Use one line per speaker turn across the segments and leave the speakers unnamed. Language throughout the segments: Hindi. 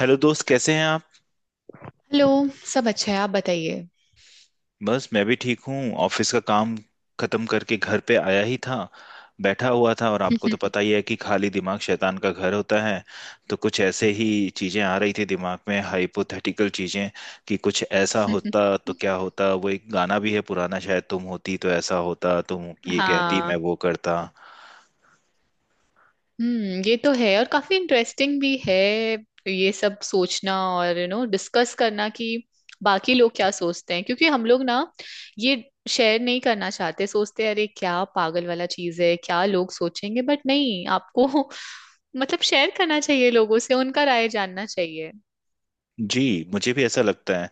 हेलो दोस्त कैसे हैं आप।
हेलो। सब अच्छा है, आप बताइए।
बस मैं भी ठीक हूँ। ऑफिस का काम खत्म करके घर पे आया ही था, बैठा हुआ था और आपको तो पता ही है कि खाली दिमाग शैतान का घर होता है। तो कुछ ऐसे ही चीजें आ रही थी दिमाग में, हाइपोथेटिकल चीजें कि कुछ ऐसा होता तो क्या होता। वो एक गाना भी है पुराना, शायद तुम होती तो ऐसा होता, तुम ये कहती
हाँ।
मैं वो करता।
हम्म, ये तो है और काफी इंटरेस्टिंग भी है। ये सब सोचना और डिस्कस करना कि बाकी लोग क्या सोचते हैं, क्योंकि हम लोग ना ये शेयर नहीं करना चाहते। सोचते हैं अरे क्या पागल वाला चीज है, क्या लोग सोचेंगे, बट नहीं आपको। मतलब शेयर करना चाहिए लोगों से, उनका राय जानना चाहिए।
जी, मुझे भी ऐसा लगता है।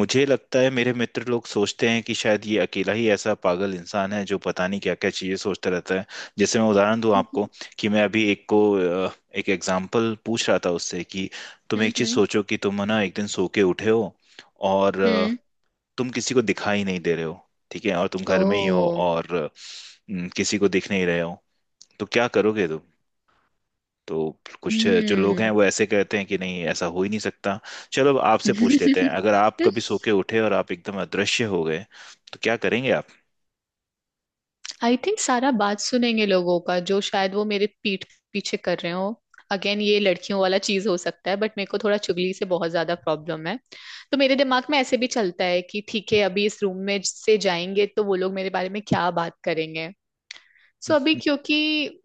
मुझे लगता है मेरे मित्र लोग सोचते हैं कि शायद ये अकेला ही ऐसा पागल इंसान है जो पता नहीं क्या क्या चीजें सोचता रहता है। जैसे मैं उदाहरण दूं आपको
हम्म।
कि मैं अभी एक को अ, एक एग्जाम्पल पूछ रहा था उससे कि तुम एक चीज
हम्म।
सोचो कि तुम ना एक दिन सो के उठे हो और
हम्म।
तुम किसी को दिखाई नहीं दे रहे हो। ठीक है, और तुम घर में ही हो
ओ।
और अ, न, किसी को दिख नहीं रहे हो, तो क्या करोगे तुम? तो कुछ जो लोग हैं
हम्म।
वो ऐसे कहते हैं कि नहीं, ऐसा हो ही नहीं सकता। चलो, अब आपसे पूछ लेते हैं, अगर आप कभी सो के उठे और आप एकदम अदृश्य हो गए तो क्या करेंगे आप?
आई थिंक सारा बात सुनेंगे लोगों का जो शायद वो मेरे पीठ पीछे कर रहे हो। अगेन ये लड़कियों वाला चीज हो सकता है, बट मेरे को थोड़ा चुगली से बहुत ज्यादा प्रॉब्लम है। तो मेरे दिमाग में ऐसे भी चलता है कि ठीक है, अभी इस रूम में से जाएंगे तो वो लोग मेरे बारे में क्या बात करेंगे। सो अभी क्योंकि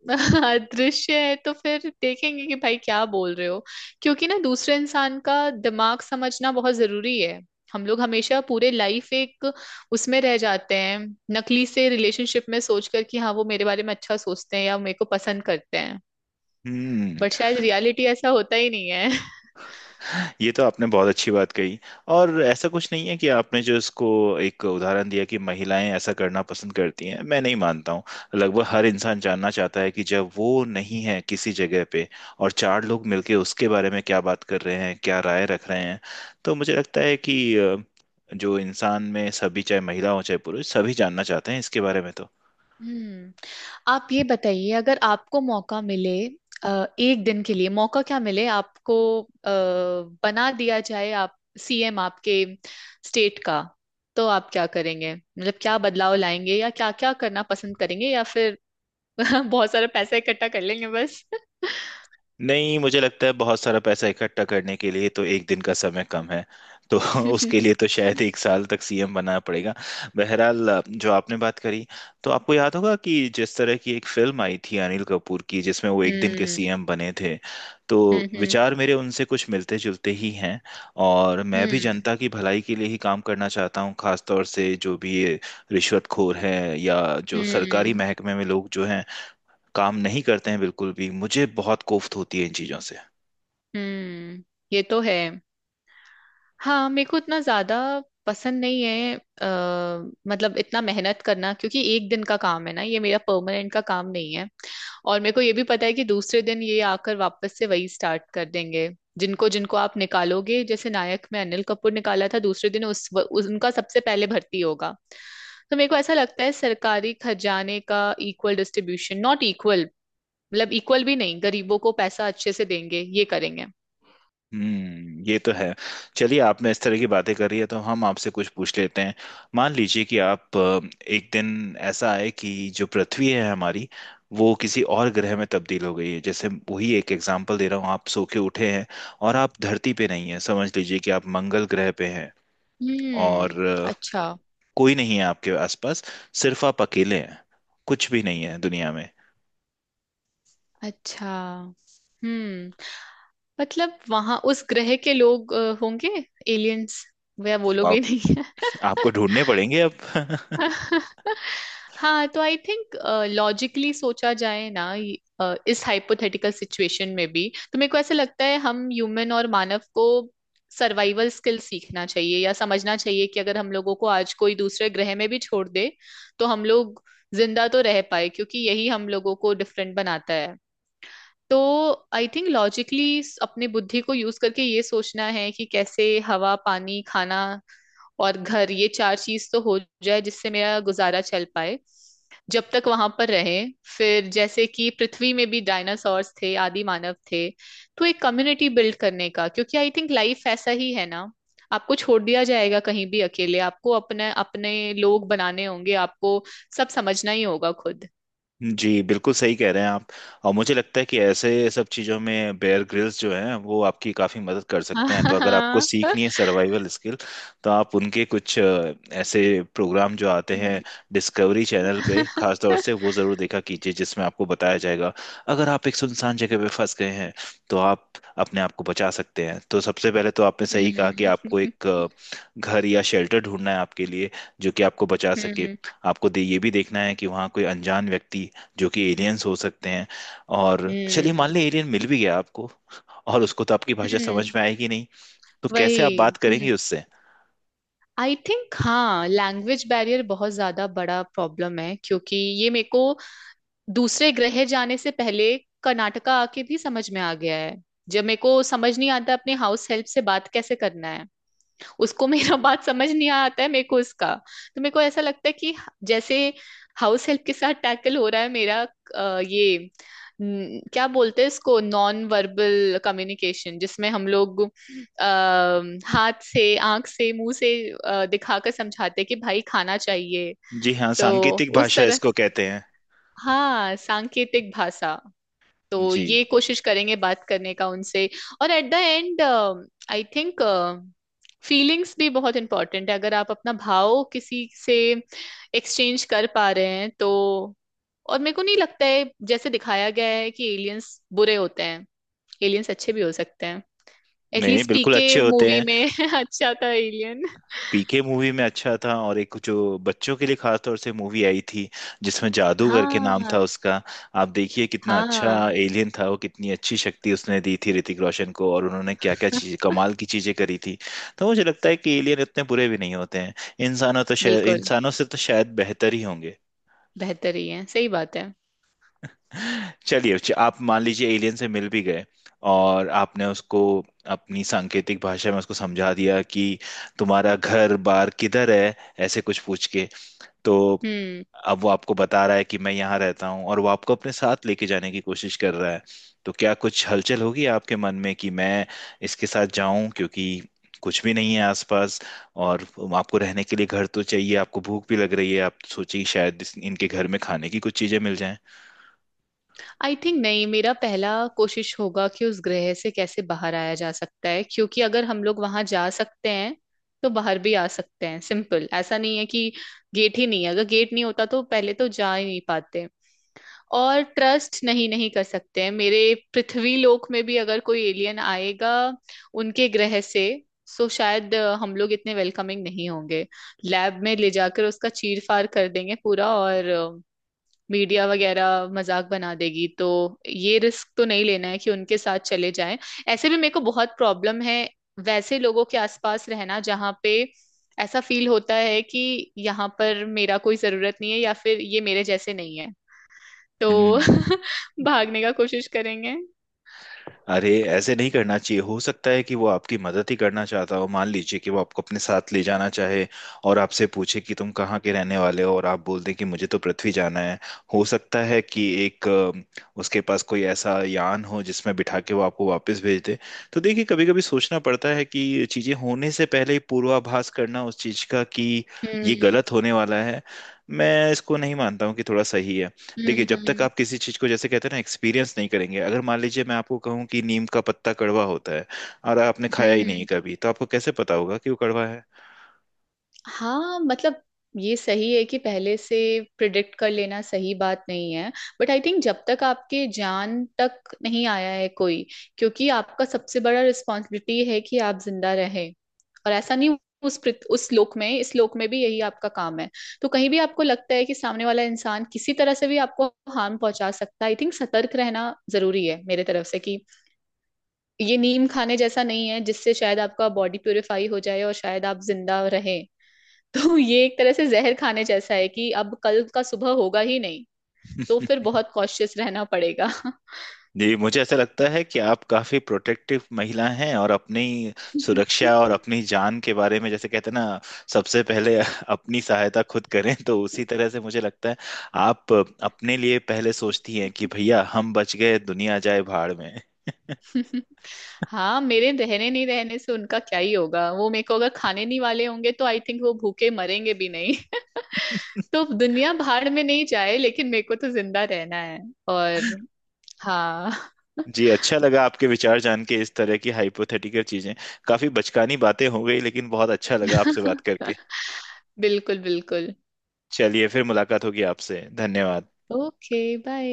दृश्य है तो फिर देखेंगे कि भाई क्या बोल रहे हो। क्योंकि ना दूसरे इंसान का दिमाग समझना बहुत जरूरी है। हम लोग हमेशा पूरे लाइफ एक उसमें रह जाते हैं, नकली से रिलेशनशिप में सोचकर कि हाँ वो मेरे बारे में अच्छा सोचते हैं या मेरे को पसंद करते हैं।
हम्म,
बट शायद रियलिटी ऐसा होता ही नहीं है।
ये तो आपने बहुत अच्छी बात कही। और ऐसा कुछ नहीं है कि आपने जो इसको एक उदाहरण दिया कि महिलाएं ऐसा करना पसंद करती हैं, मैं नहीं मानता हूँ। लगभग हर इंसान जानना चाहता है कि जब वो नहीं है किसी जगह पे और चार लोग मिलके उसके बारे में क्या बात कर रहे हैं, क्या राय रख रहे हैं। तो मुझे लगता है कि जो इंसान में सभी, चाहे महिला हो चाहे पुरुष, सभी जानना चाहते हैं इसके बारे में तो।
हम्म। आप ये बताइए, अगर आपको मौका मिले, एक दिन के लिए मौका क्या मिले आपको, अ, बना दिया जाए आप सीएम आपके स्टेट का, तो आप क्या करेंगे? मतलब क्या बदलाव लाएंगे या क्या क्या करना पसंद करेंगे, या फिर बहुत सारा पैसा इकट्ठा कर लेंगे बस।
नहीं, मुझे लगता है बहुत सारा पैसा इकट्ठा करने के लिए तो एक दिन का समय कम है, तो उसके
हम्म।
लिए तो शायद एक साल तक सीएम बनना पड़ेगा। बहरहाल, जो आपने बात करी, तो आपको याद होगा कि जिस तरह की एक फिल्म आई थी अनिल कपूर की जिसमें वो एक दिन के सीएम बने थे, तो
हम्म। हम्म।
विचार मेरे उनसे कुछ मिलते जुलते ही हैं। और मैं भी
हम्म।
जनता की भलाई के लिए ही काम करना चाहता हूँ, खासतौर से जो भी ये रिश्वतखोर है या जो सरकारी
हम्म।
महकमे में लोग जो हैं काम नहीं करते हैं बिल्कुल भी, मुझे बहुत कोफ्त होती है इन चीज़ों से।
हम्म, ये तो है। हाँ मेरे को इतना ज्यादा पसंद नहीं है, मतलब इतना मेहनत करना, क्योंकि एक दिन का काम है ना, ये मेरा परमानेंट का काम नहीं है। और मेरे को ये भी पता है कि दूसरे दिन ये आकर वापस से वही स्टार्ट कर देंगे जिनको जिनको आप निकालोगे। जैसे नायक में अनिल कपूर निकाला था, दूसरे दिन उस उनका सबसे पहले भर्ती होगा। तो मेरे को ऐसा लगता है सरकारी खजाने का इक्वल डिस्ट्रीब्यूशन, नॉट इक्वल। मतलब इक्वल भी नहीं, गरीबों को पैसा अच्छे से देंगे ये करेंगे।
हम्म, ये तो है। चलिए, आपने इस तरह की बातें करी है तो हम आपसे कुछ पूछ लेते हैं। मान लीजिए कि आप एक दिन ऐसा आए कि जो पृथ्वी है हमारी वो किसी और ग्रह में तब्दील हो गई है। जैसे वही एक एग्जांपल दे रहा हूँ, आप सो के उठे हैं और आप धरती पे नहीं हैं, समझ लीजिए कि आप मंगल ग्रह पे हैं। और
हम्म। अच्छा।
कोई नहीं है आपके आसपास, सिर्फ आप अकेले हैं, कुछ भी नहीं है दुनिया में।
अच्छा। हम्म, मतलब वहां उस ग्रह के लोग होंगे, एलियंस। वह वो लोग
आप,
भी नहीं है।
आपको ढूंढने पड़ेंगे अब।
हाँ तो आई थिंक लॉजिकली सोचा जाए ना, इस हाइपोथेटिकल सिचुएशन में भी। तो मेरे को ऐसा लगता है हम ह्यूमन और मानव को सर्वाइवल स्किल सीखना चाहिए या समझना चाहिए कि अगर हम लोगों को आज कोई दूसरे ग्रह में भी छोड़ दे, तो हम लोग जिंदा तो रह पाए, क्योंकि यही हम लोगों को डिफरेंट बनाता है। तो आई थिंक लॉजिकली अपने बुद्धि को यूज करके ये सोचना है कि कैसे हवा, पानी, खाना और घर, ये चार चीज तो हो जाए जिससे मेरा गुजारा चल पाए जब तक वहां पर रहे। फिर जैसे कि पृथ्वी में भी डायनासोर्स थे, आदि मानव थे, तो एक कम्युनिटी बिल्ड करने का, क्योंकि आई थिंक लाइफ ऐसा ही है ना। आपको छोड़ दिया जाएगा कहीं भी अकेले, आपको अपने अपने लोग बनाने होंगे, आपको सब समझना ही होगा खुद।
जी बिल्कुल सही कह रहे हैं आप। और मुझे लगता है कि ऐसे सब चीज़ों में बेयर ग्रिल्स जो हैं वो आपकी काफ़ी मदद कर
हाँ
सकते हैं, तो
हाँ
अगर आपको
हाँ।
सीखनी है सर्वाइवल स्किल, तो आप उनके कुछ ऐसे प्रोग्राम जो आते हैं
हम्म।
डिस्कवरी चैनल पे खास तौर से, वो ज़रूर देखा कीजिए, जिसमें आपको बताया जाएगा अगर आप एक सुनसान जगह पे फंस गए हैं तो आप अपने आप को बचा सकते हैं। तो सबसे पहले तो आपने सही कहा कि आपको
हम्म।
एक घर या शेल्टर ढूंढना है आपके लिए जो कि आपको बचा सके।
हम्म।
आपको दे, ये भी देखना है कि वहाँ कोई अनजान व्यक्ति जो कि एलियंस हो सकते हैं, और चलिए मान
हम्म।
लें एलियन मिल भी गया आपको, और उसको तो आपकी भाषा
हम्म,
समझ में आएगी नहीं, तो कैसे आप
वही।
बात
हम्म।
करेंगे उससे?
आई थिंक हाँ, लैंग्वेज बैरियर बहुत ज्यादा बड़ा प्रॉब्लम है, क्योंकि ये मेरे को दूसरे ग्रह जाने से पहले कर्नाटका आके भी समझ में आ गया है। जब मेरे को समझ नहीं आता अपने हाउस हेल्प से बात कैसे करना है, उसको मेरा बात समझ नहीं आता है, मेरे को उसका। तो मेरे को ऐसा लगता है कि जैसे हाउस हेल्प के साथ टैकल हो रहा है मेरा, ये न, क्या बोलते हैं इसको, नॉन वर्बल कम्युनिकेशन, जिसमें हम लोग अः हाथ से, आंख से, मुंह से दिखाकर समझाते हैं कि भाई खाना चाहिए।
जी हाँ,
तो
सांकेतिक
उस
भाषा
तरह,
इसको कहते हैं।
हाँ, सांकेतिक भाषा, तो
जी।
ये कोशिश करेंगे बात करने का उनसे। और at the end I think feelings भी बहुत इंपॉर्टेंट है, अगर आप अपना भाव किसी से एक्सचेंज कर पा रहे हैं तो। और मेरे को नहीं लगता है जैसे दिखाया गया है कि एलियंस बुरे होते हैं, एलियंस अच्छे भी हो सकते हैं।
नहीं,
एटलीस्ट
बिल्कुल
पीके
अच्छे होते
मूवी
हैं।
में अच्छा था एलियन।
पीके मूवी में अच्छा था, और एक जो बच्चों के लिए खास तौर से मूवी आई थी जिसमें जादू करके नाम
हाँ
था उसका, आप देखिए कितना अच्छा
हाँ,
एलियन था वो, कितनी अच्छी शक्ति उसने दी थी ऋतिक रोशन को, और उन्होंने क्या क्या चीज, कमाल की चीजें करी थी। तो मुझे लगता है कि एलियन इतने बुरे भी नहीं होते हैं, इंसानों तो शायद,
बिल्कुल
इंसानों से तो शायद बेहतर ही होंगे।
बेहतर ही है, सही बात है।
चलिए, आप मान लीजिए एलियन से मिल भी गए, और आपने उसको अपनी सांकेतिक भाषा में उसको समझा दिया कि तुम्हारा घर बार किधर है, ऐसे कुछ पूछ के, तो
हम्म।
अब वो आपको बता रहा है कि मैं यहाँ रहता हूँ, और वो आपको अपने साथ लेके जाने की कोशिश कर रहा है, तो क्या कुछ हलचल होगी आपके मन में कि मैं इसके साथ जाऊं? क्योंकि कुछ भी नहीं है आसपास, और आपको रहने के लिए घर तो चाहिए, आपको भूख भी लग रही है, आप सोचिए शायद इनके घर में खाने की कुछ चीजें मिल जाएं।
आई थिंक नहीं, मेरा पहला कोशिश होगा कि उस ग्रह से कैसे बाहर आया जा सकता है, क्योंकि अगर हम लोग वहां जा सकते हैं तो बाहर भी आ सकते हैं। सिंपल, ऐसा नहीं है कि गेट ही नहीं है, अगर गेट नहीं होता तो पहले तो जा ही नहीं पाते। और ट्रस्ट नहीं नहीं कर सकते हैं मेरे। पृथ्वी लोक में भी अगर कोई एलियन आएगा उनके ग्रह से, सो शायद हम लोग इतने वेलकमिंग नहीं होंगे। लैब में ले जाकर उसका चीर फाड़ कर देंगे पूरा, और मीडिया वगैरह मजाक बना देगी। तो ये रिस्क तो नहीं लेना है कि उनके साथ चले जाएं। ऐसे भी मेरे को बहुत प्रॉब्लम है वैसे लोगों के आसपास रहना जहाँ पे ऐसा फील होता है कि यहाँ पर मेरा कोई जरूरत नहीं है, या फिर ये मेरे जैसे नहीं है। तो
हम्म,
भागने का कोशिश करेंगे।
अरे ऐसे नहीं करना चाहिए, हो सकता है कि वो आपकी मदद ही करना चाहता हो। मान लीजिए कि वो आपको अपने साथ ले जाना चाहे और आपसे पूछे कि तुम कहाँ के रहने वाले हो, और आप बोल दें कि मुझे तो पृथ्वी जाना है, हो सकता है कि एक उसके पास कोई ऐसा यान हो जिसमें बिठा के वो आपको वापस भेज दे। तो देखिए, कभी कभी सोचना पड़ता है कि चीजें होने से पहले ही पूर्वाभास करना उस चीज का कि ये
हम्म।
गलत होने वाला है, मैं इसको नहीं मानता हूँ कि थोड़ा सही है। देखिए,
हम्म।
जब तक
हम्म।
आप किसी चीज को, जैसे कहते हैं ना, एक्सपीरियंस नहीं करेंगे, अगर मान लीजिए मैं आपको कहूँ कि नीम का पत्ता कड़वा होता है और आपने
हम्म।
खाया ही नहीं
हम्म।
कभी, तो आपको कैसे पता होगा कि वो कड़वा है?
हाँ, मतलब ये सही है कि पहले से प्रिडिक्ट कर लेना सही बात नहीं है। बट आई थिंक जब तक आपके जान तक नहीं आया है कोई, क्योंकि आपका सबसे बड़ा रिस्पॉन्सिबिलिटी है कि आप जिंदा रहें। और ऐसा नहीं, उस उस लोक में, इस लोक में भी यही आपका काम है। तो कहीं भी आपको लगता है कि सामने वाला इंसान किसी तरह से भी आपको हार्म पहुंचा सकता है, आई थिंक सतर्क रहना जरूरी है मेरे तरफ से। कि ये नीम खाने जैसा नहीं है जिससे शायद आपका बॉडी प्यूरिफाई हो जाए और शायद आप जिंदा रहे। तो ये एक तरह से जहर खाने जैसा है कि अब कल का सुबह होगा ही नहीं। तो फिर बहुत कॉशियस रहना पड़ेगा।
जी, मुझे ऐसा लगता है कि आप काफी प्रोटेक्टिव महिला हैं, और अपनी सुरक्षा और अपनी जान के बारे में, जैसे कहते हैं ना, सबसे पहले अपनी सहायता खुद करें, तो उसी तरह से मुझे लगता है आप अपने लिए पहले सोचती हैं कि भैया हम बच गए, दुनिया जाए भाड़ में।
हाँ, मेरे रहने नहीं रहने से उनका क्या ही होगा, वो मेरे को अगर खाने नहीं वाले होंगे तो आई थिंक वो भूखे मरेंगे भी नहीं। तो दुनिया भाड़ में नहीं जाए, लेकिन मेरे को तो जिंदा रहना है। और हाँ।
जी, अच्छा लगा आपके विचार जान के। इस तरह की हाइपोथेटिकल चीजें, काफी बचकानी बातें हो गई, लेकिन बहुत अच्छा लगा आपसे बात करके।
बिल्कुल बिल्कुल।
चलिए फिर, मुलाकात होगी आपसे, धन्यवाद।
Okay bye.